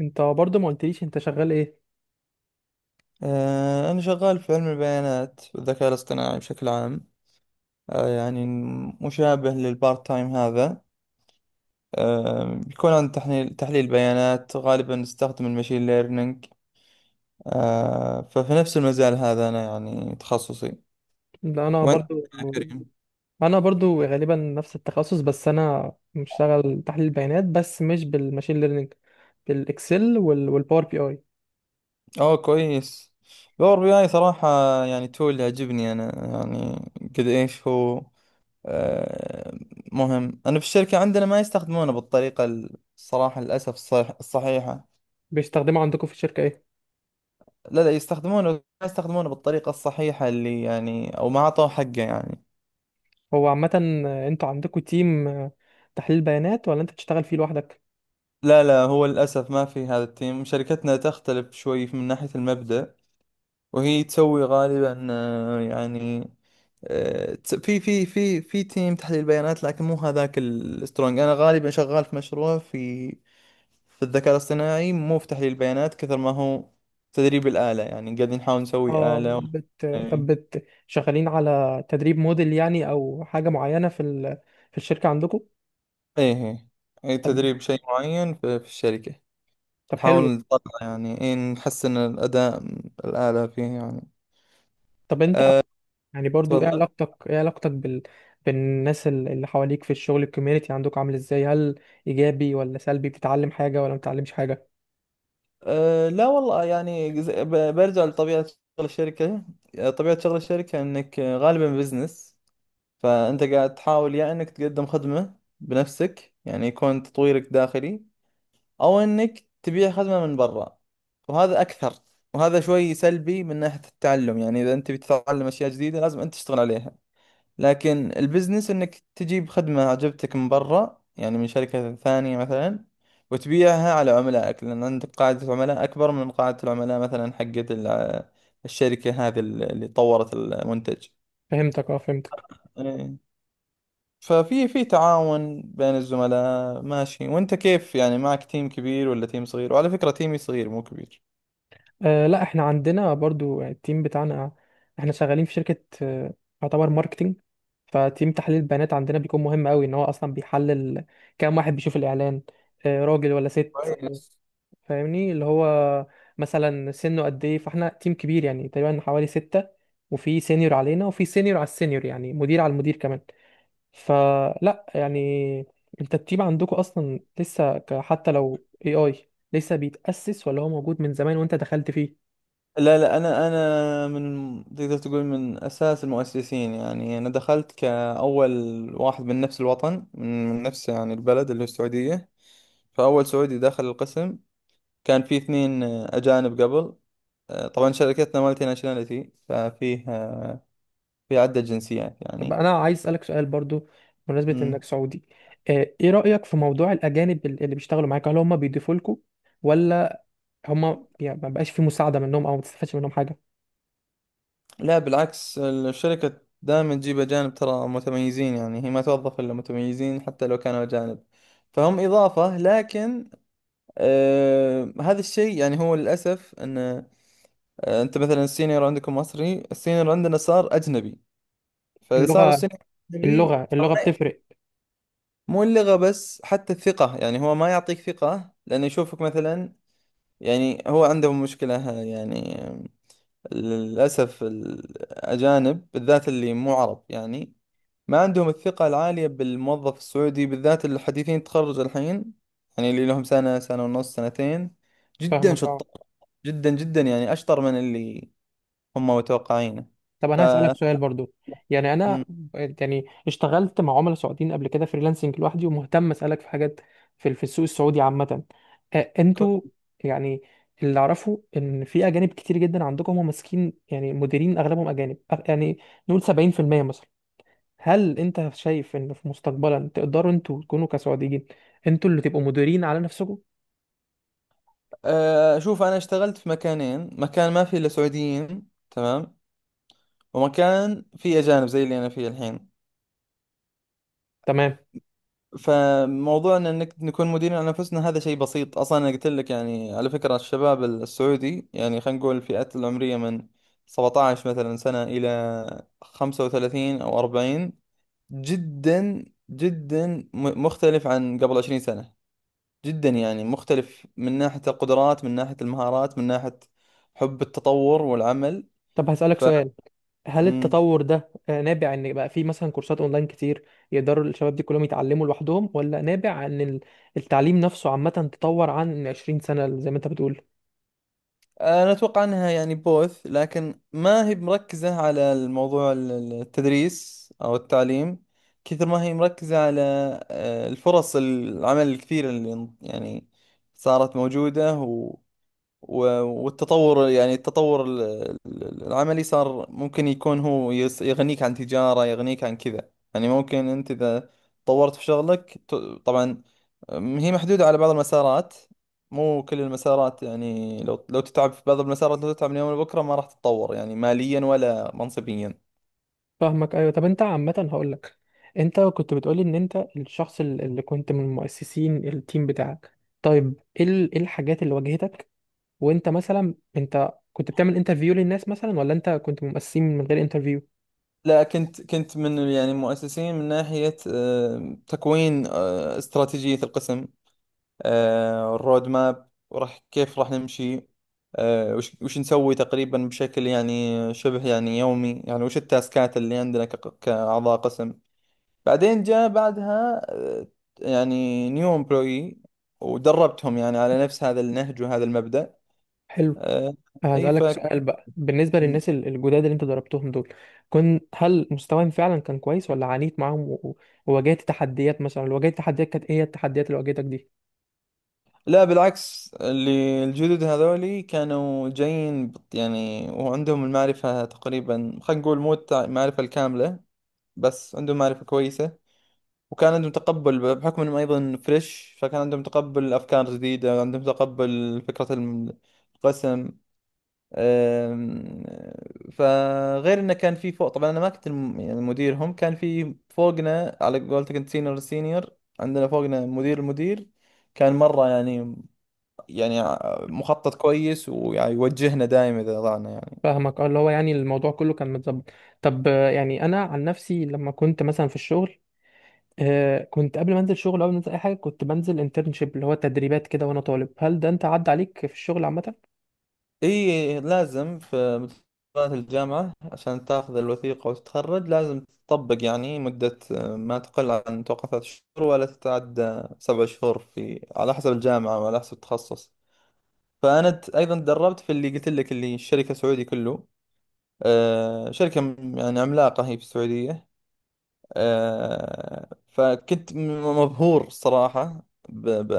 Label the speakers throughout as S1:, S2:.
S1: انت برضو ما قلتليش انت شغال ايه؟
S2: أنا شغال في علم البيانات والذكاء الاصطناعي بشكل عام. يعني مشابه للبارت تايم هذا. بيكون عن تحليل بيانات، غالبا نستخدم المشين ليرنينج. ففي نفس المجال هذا أنا يعني تخصصي.
S1: لا انا
S2: وأنت؟
S1: برضو انا برضو غالبا نفس التخصص، بس انا بشتغل تحليل بيانات بس مش بالماشين ليرنينج، بالاكسل وال... والباور بي اي.
S2: أوه، كويس. باور بي اي صراحة، يعني تول يعجبني أنا، يعني قد إيش هو. آه، مهم، أنا في الشركة عندنا ما يستخدمونه بالطريقة، الصراحة للأسف، الصحيحة.
S1: بيستخدموا عندكم في الشركة ايه؟
S2: لا لا، يستخدمونه، ما يستخدمونه بالطريقة الصحيحة اللي يعني، أو ما أعطوه حقه يعني.
S1: هو عامة انتوا عندكم تيم تحليل بيانات ولا انت بتشتغل فيه لوحدك؟
S2: لا لا، هو للأسف ما في هذا التيم. شركتنا تختلف شوي من ناحية المبدأ، وهي تسوي غالبا، يعني في تيم تحليل بيانات، لكن مو هذاك السترونج. أنا غالبا شغال في مشروع في الذكاء الاصطناعي، مو في تحليل بيانات كثر ما هو تدريب الآلة، يعني قاعدين نحاول نسوي
S1: اه
S2: آلة و... إيه،
S1: شغالين على تدريب موديل يعني او حاجة معينة في الشركة عندكم؟
S2: إيه، إيه،
S1: طب،
S2: تدريب شيء معين في الشركة. نحاول
S1: حلو.
S2: نطلع يعني، إيه، نحسن الأداء الآلة فيه يعني.
S1: طب انت يعني برضو ايه
S2: تفضل.
S1: علاقتك ايه علاقتك بال... بالناس اللي حواليك في الشغل، الكوميونتي عندك عامل ازاي؟ هل ايجابي ولا سلبي؟ بتتعلم حاجة ولا ما بتتعلمش حاجة؟
S2: لا والله، يعني برجع لطبيعة شغل الشركة. طبيعة شغل الشركة إنك غالبا بزنس. فأنت قاعد تحاول يا إنك تقدم خدمة بنفسك يعني يكون تطويرك داخلي، أو إنك تبيع خدمة من برا، وهذا أكثر. وهذا شوي سلبي من ناحية التعلم، يعني إذا أنت بتتعلم أشياء جديدة لازم أنت تشتغل عليها. لكن البزنس انك تجيب خدمة عجبتك من برا، يعني من شركة ثانية مثلا، وتبيعها على عملائك، لان عندك قاعدة عملاء اكبر من قاعدة العملاء مثلا حقت الشركة هذه اللي طورت المنتج.
S1: فهمتك، اه.
S2: إيه. ففي تعاون بين الزملاء، ماشي. وانت كيف يعني؟ معك تيم كبير ولا تيم صغير؟ وعلى فكرة تيمي صغير مو كبير.
S1: آه لا، احنا عندنا برضو التيم بتاعنا، احنا شغالين في شركة آه، يعتبر ماركتينج. فتيم تحليل البيانات عندنا بيكون مهم قوي، ان هو اصلا بيحلل كام واحد بيشوف الاعلان، آه راجل ولا ست.
S2: كويس.
S1: فاهمني اللي هو مثلا سنه قد ايه. فاحنا تيم كبير يعني تقريبا حوالي ستة، وفي سينيور علينا وفي سينيور على السينيور يعني مدير على المدير كمان. فلا يعني انت التيم عندكم اصلا لسه حتى لو اي لسه بيتأسس، ولا هو موجود من زمان وانت دخلت فيه؟
S2: لا لا، انا من تقدر تقول من اساس المؤسسين، يعني انا دخلت كاول واحد من نفس الوطن، من نفس يعني البلد اللي هو السعوديه. فاول سعودي دخل القسم، كان في اثنين اجانب قبل. طبعا شركتنا مالتي ناشوناليتي، ففيه في عده جنسيات
S1: طب
S2: يعني.
S1: انا عايز اسألك سؤال برضو بمناسبة
S2: مم.
S1: انك سعودي. آه، ايه رأيك في موضوع الاجانب اللي بيشتغلوا معاك؟ هل هم بيضيفوا لكم، ولا هم يعني ما بقاش في مساعدة منهم او ما تستفادش منهم حاجة؟
S2: لا، بالعكس الشركه دائما تجيب اجانب، ترى متميزين، يعني هي ما توظف الا متميزين حتى لو كانوا اجانب. فهم اضافه. لكن هذا الشيء يعني، هو للأسف أن أنت مثلا السينيور عندكم مصري، السينيور عندنا صار أجنبي. فصار
S1: اللغة
S2: السينيور أجنبي.
S1: اللغة اللغة بتفرق.
S2: مو اللغة بس، حتى الثقة. يعني هو ما يعطيك ثقة، لأنه يشوفك مثلا يعني هو عنده مشكلة يعني. للأسف الأجانب بالذات اللي مو عرب يعني، ما عندهم الثقة العالية بالموظف السعودي، بالذات الحديثين تخرج الحين، يعني اللي لهم سنة، سنة ونص، سنتين. جدا
S1: فاهمك اه.
S2: شطار، جدا جدا، يعني أشطر من اللي هم متوقعينه.
S1: طب
S2: ف
S1: انا هسألك سؤال برضو، يعني انا
S2: مم.
S1: يعني اشتغلت مع عملاء سعوديين قبل كده فريلانسنج لوحدي، ومهتم اسألك في حاجات في في السوق السعودي عامة. آه، انتوا
S2: كو-
S1: يعني اللي اعرفه ان في اجانب كتير جدا عندكم، هم ماسكين يعني مديرين، اغلبهم اجانب، يعني نقول 70% مثلا. هل انت شايف ان في مستقبلا تقدروا انتوا تكونوا كسعوديين، انتوا اللي تبقوا مديرين على نفسكم؟
S2: أشوف. أنا اشتغلت في مكانين: مكان ما فيه إلا سعوديين، تمام، ومكان فيه أجانب زي اللي أنا فيه الحين.
S1: تمام.
S2: فموضوعنا انك نكون مديرين على انفسنا، هذا شيء بسيط اصلا. انا قلت لك يعني، على فكره الشباب السعودي، يعني خلينا نقول الفئات العمريه من 17 مثلا سنه الى 35 او 40، جدا جدا مختلف عن قبل 20 سنه. جدا يعني مختلف من ناحيه القدرات، من ناحيه المهارات، من ناحيه حب التطور والعمل.
S1: طب هسألك
S2: ف
S1: سؤال. هل التطور ده آه، نابع ان بقى في مثلا كورسات اونلاين كتير يقدروا الشباب دي كلهم يتعلموا لوحدهم، ولا نابع ان التعليم نفسه عامة تطور عن 20 سنة زي ما انت بتقول؟
S2: انا اتوقع انها يعني بوث، لكن ما هي مركزة على الموضوع التدريس او التعليم كثر ما هي مركزة على الفرص العمل الكثيرة اللي يعني صارت موجودة. و- والتطور، يعني التطور العملي، صار ممكن يكون هو يغنيك عن تجارة، يغنيك عن كذا. يعني ممكن أنت إذا طورت في شغلك طبعا هي محدودة على بعض المسارات، مو كل المسارات. يعني لو تتعب في بعض المسارات، لو تتعب من يوم لبكرة ما راح تتطور يعني ماليا ولا منصبيا.
S1: فاهمك ايوه. طب انت عامة هقول لك، انت كنت بتقولي ان انت الشخص اللي كنت من مؤسسين التيم بتاعك. طيب ايه إيه الحاجات اللي واجهتك؟ وانت مثلا، كنت بتعمل انترفيو للناس مثلا، ولا انت كنت من مؤسسين من غير انترفيو؟
S2: لا، كنت من يعني مؤسسين من ناحية تكوين استراتيجية القسم، الرود ماب، وراح كيف راح نمشي، وش نسوي تقريبا بشكل يعني شبه يعني يومي، يعني وش التاسكات اللي عندنا كأعضاء قسم. بعدين جاء بعدها يعني نيو امبلوي، ودربتهم يعني على نفس هذا النهج وهذا المبدأ.
S1: حلو.
S2: آه، اي.
S1: هسألك سؤال بقى بالنسبة للناس الجداد اللي انت ضربتهم دول، كن هل مستواهم فعلا كان كويس، ولا عانيت معاهم وواجهت تحديات؟ مثلا لو واجهت تحديات، كانت ايه هي التحديات اللي واجهتك دي؟
S2: لا، بالعكس اللي الجدد هذولي كانوا جايين يعني، وعندهم المعرفة تقريبا، خلينا نقول مو المعرفة الكاملة، بس عندهم معرفة كويسة. وكان عندهم تقبل بحكم انهم ايضا فريش، فكان عندهم تقبل افكار جديده، عندهم تقبل فكره القسم. أم، فغير انه كان في فوق، طبعا انا ما كنت يعني مديرهم، كان في فوقنا، على قولتك انت سينيور سينيور. عندنا فوقنا مدير المدير، كان مره يعني، يعني مخطط كويس ويوجهنا دائما اذا ضعنا يعني.
S1: فاهمك اه. اللي هو يعني الموضوع كله كان متظبط. طب آه، يعني انا عن نفسي لما كنت مثلا في الشغل، آه، كنت قبل ما انزل شغل، قبل ما انزل اي حاجة كنت بنزل انترنشيب اللي هو تدريبات كده وانا طالب. هل ده انت عدى عليك في الشغل عامة؟
S2: اي لازم، في مدرسة الجامعة عشان تاخذ الوثيقة وتتخرج لازم تطبق يعني مدة، ما تقل عن توقع ثلاث شهور ولا تتعدى سبع شهور، في على حسب الجامعة وعلى حسب التخصص. فأنا أيضا تدربت في اللي قلت لك، اللي الشركة سعودي كله. شركة يعني عملاقة هي في السعودية. فكنت مبهور صراحة ب... ب...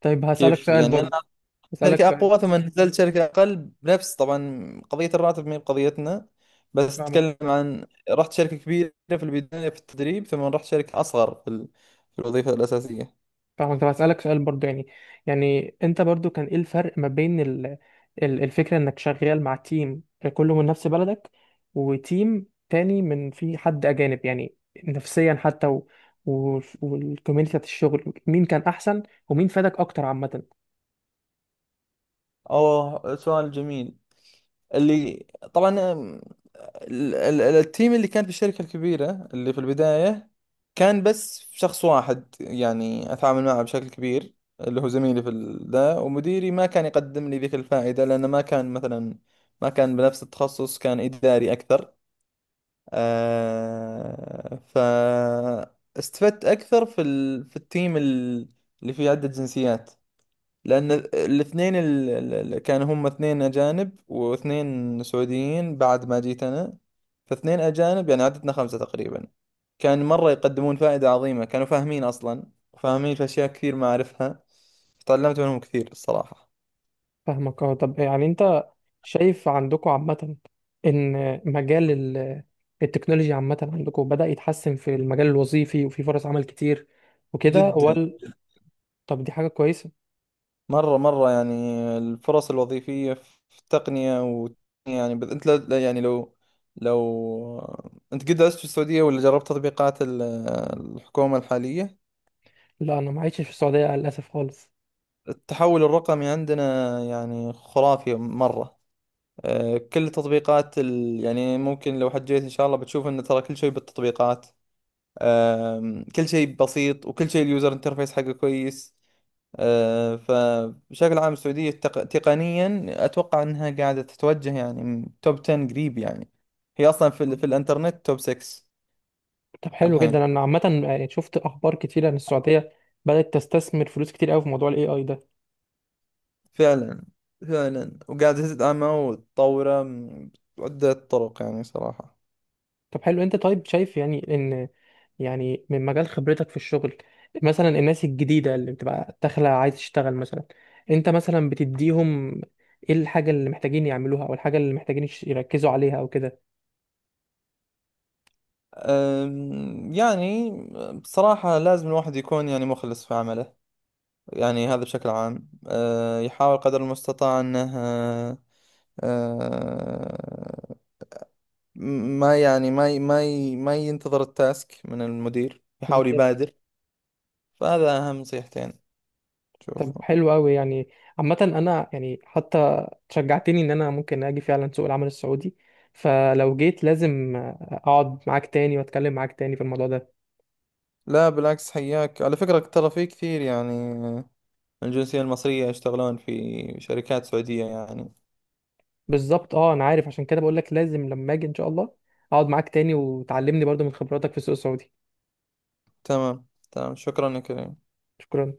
S1: طيب هسألك
S2: كيف
S1: سؤال
S2: يعني؟
S1: برضه. هسألك
S2: شركة أقوى، ثم نزلت شركة أقل، بنفس، طبعا قضية الراتب ما هي بقضيتنا، بس
S1: سؤال.
S2: أتكلم عن رحت شركة كبيرة في البداية في التدريب، ثم رحت شركة أصغر في في الوظيفة الأساسية.
S1: فاهمك. طب هسألك سؤال برضو يعني، يعني انت برضو كان ايه الفرق ما بين الفكرة انك شغال مع تيم كله من نفس بلدك، وتيم تاني من في حد اجانب يعني؟ نفسيا حتى و والكوميونتي بتاعت الشغل، مين كان احسن ومين فادك اكتر عامة؟
S2: أوه، سؤال جميل. اللي، طبعا التيم اللي كان في الشركة الكبيرة اللي في البداية، كان بس شخص واحد يعني أتعامل معه بشكل كبير، اللي هو زميلي في ذا، ومديري ما كان يقدم لي ذيك الفائدة لأنه ما كان مثلا، ما كان بنفس التخصص، كان إداري أكثر. فاستفدت أكثر في في التيم اللي فيه عدة جنسيات، لأن الاثنين اللي كانوا، هم اثنين أجانب واثنين سعوديين بعد ما جيت أنا، فاثنين أجانب، يعني عددنا خمسة تقريبا. كان مرة يقدمون فائدة عظيمة، كانوا فاهمين أصلا، وفاهمين في أشياء كثير ما أعرفها. تعلمت منهم كثير الصراحة،
S1: فاهمك اه. طب يعني انت شايف عندكم عامة ان مجال التكنولوجيا عامة عندكم بدأ يتحسن في المجال الوظيفي وفي فرص عمل كتير وكده،
S2: جدا،
S1: ولا؟ طب دي حاجة كويسة.
S2: مرة مرة يعني. الفرص الوظيفية في التقنية و... يعني أنت يعني لو، لو أنت قد درست في السعودية ولا جربت تطبيقات الحكومة الحالية،
S1: لا انا ما عشتش في السعوديه للاسف خالص.
S2: التحول الرقمي عندنا يعني خرافي مرة. كل تطبيقات يعني ممكن لو حجيت إن شاء الله بتشوف، إن ترى كل شيء بالتطبيقات. كل شيء بسيط، وكل شيء اليوزر انترفيس حقه كويس. فبشكل عام السعودية تقنيا أتوقع إنها قاعدة تتوجه يعني توب 10 قريب، يعني هي أصلا في, في الإنترنت توب 6
S1: طب حلو
S2: الحين.
S1: جدا. انا عامه يعني شفت اخبار كتير عن السعوديه بدات تستثمر فلوس كتير قوي في موضوع الاي اي ده.
S2: فعلا، فعلا وقاعدة تدعمه وتطوره من عدة طرق يعني صراحة.
S1: طب حلو. انت طيب شايف يعني ان، يعني من مجال خبرتك في الشغل، مثلا الناس الجديده اللي بتبقى داخله عايز تشتغل مثلا، انت مثلا بتديهم ايه الحاجه اللي محتاجين يعملوها، او الحاجه اللي محتاجين يركزوا عليها او كده؟
S2: يعني بصراحة لازم الواحد يكون يعني مخلص في عمله، يعني هذا بشكل عام. يحاول قدر المستطاع أنه أه، أه، ما يعني ما ينتظر التاسك من المدير، يحاول يبادر. فهذا أهم نصيحتين
S1: طب
S2: شوفهم.
S1: حلو قوي. يعني عامة انا يعني حتى شجعتني ان انا ممكن اجي فعلا سوق العمل السعودي. فلو جيت لازم اقعد معاك تاني واتكلم معاك تاني في الموضوع ده.
S2: لا بالعكس، حياك. على فكرة ترى في كثير يعني من الجنسية المصرية يشتغلون في شركات سعودية يعني.
S1: بالظبط اه، انا عارف، عشان كده بقول لك لازم لما اجي ان شاء الله اقعد معاك تاني وتعلمني برضو من خبراتك في السوق السعودي.
S2: تمام. تمام، شكرا يا كريم.
S1: شكرا.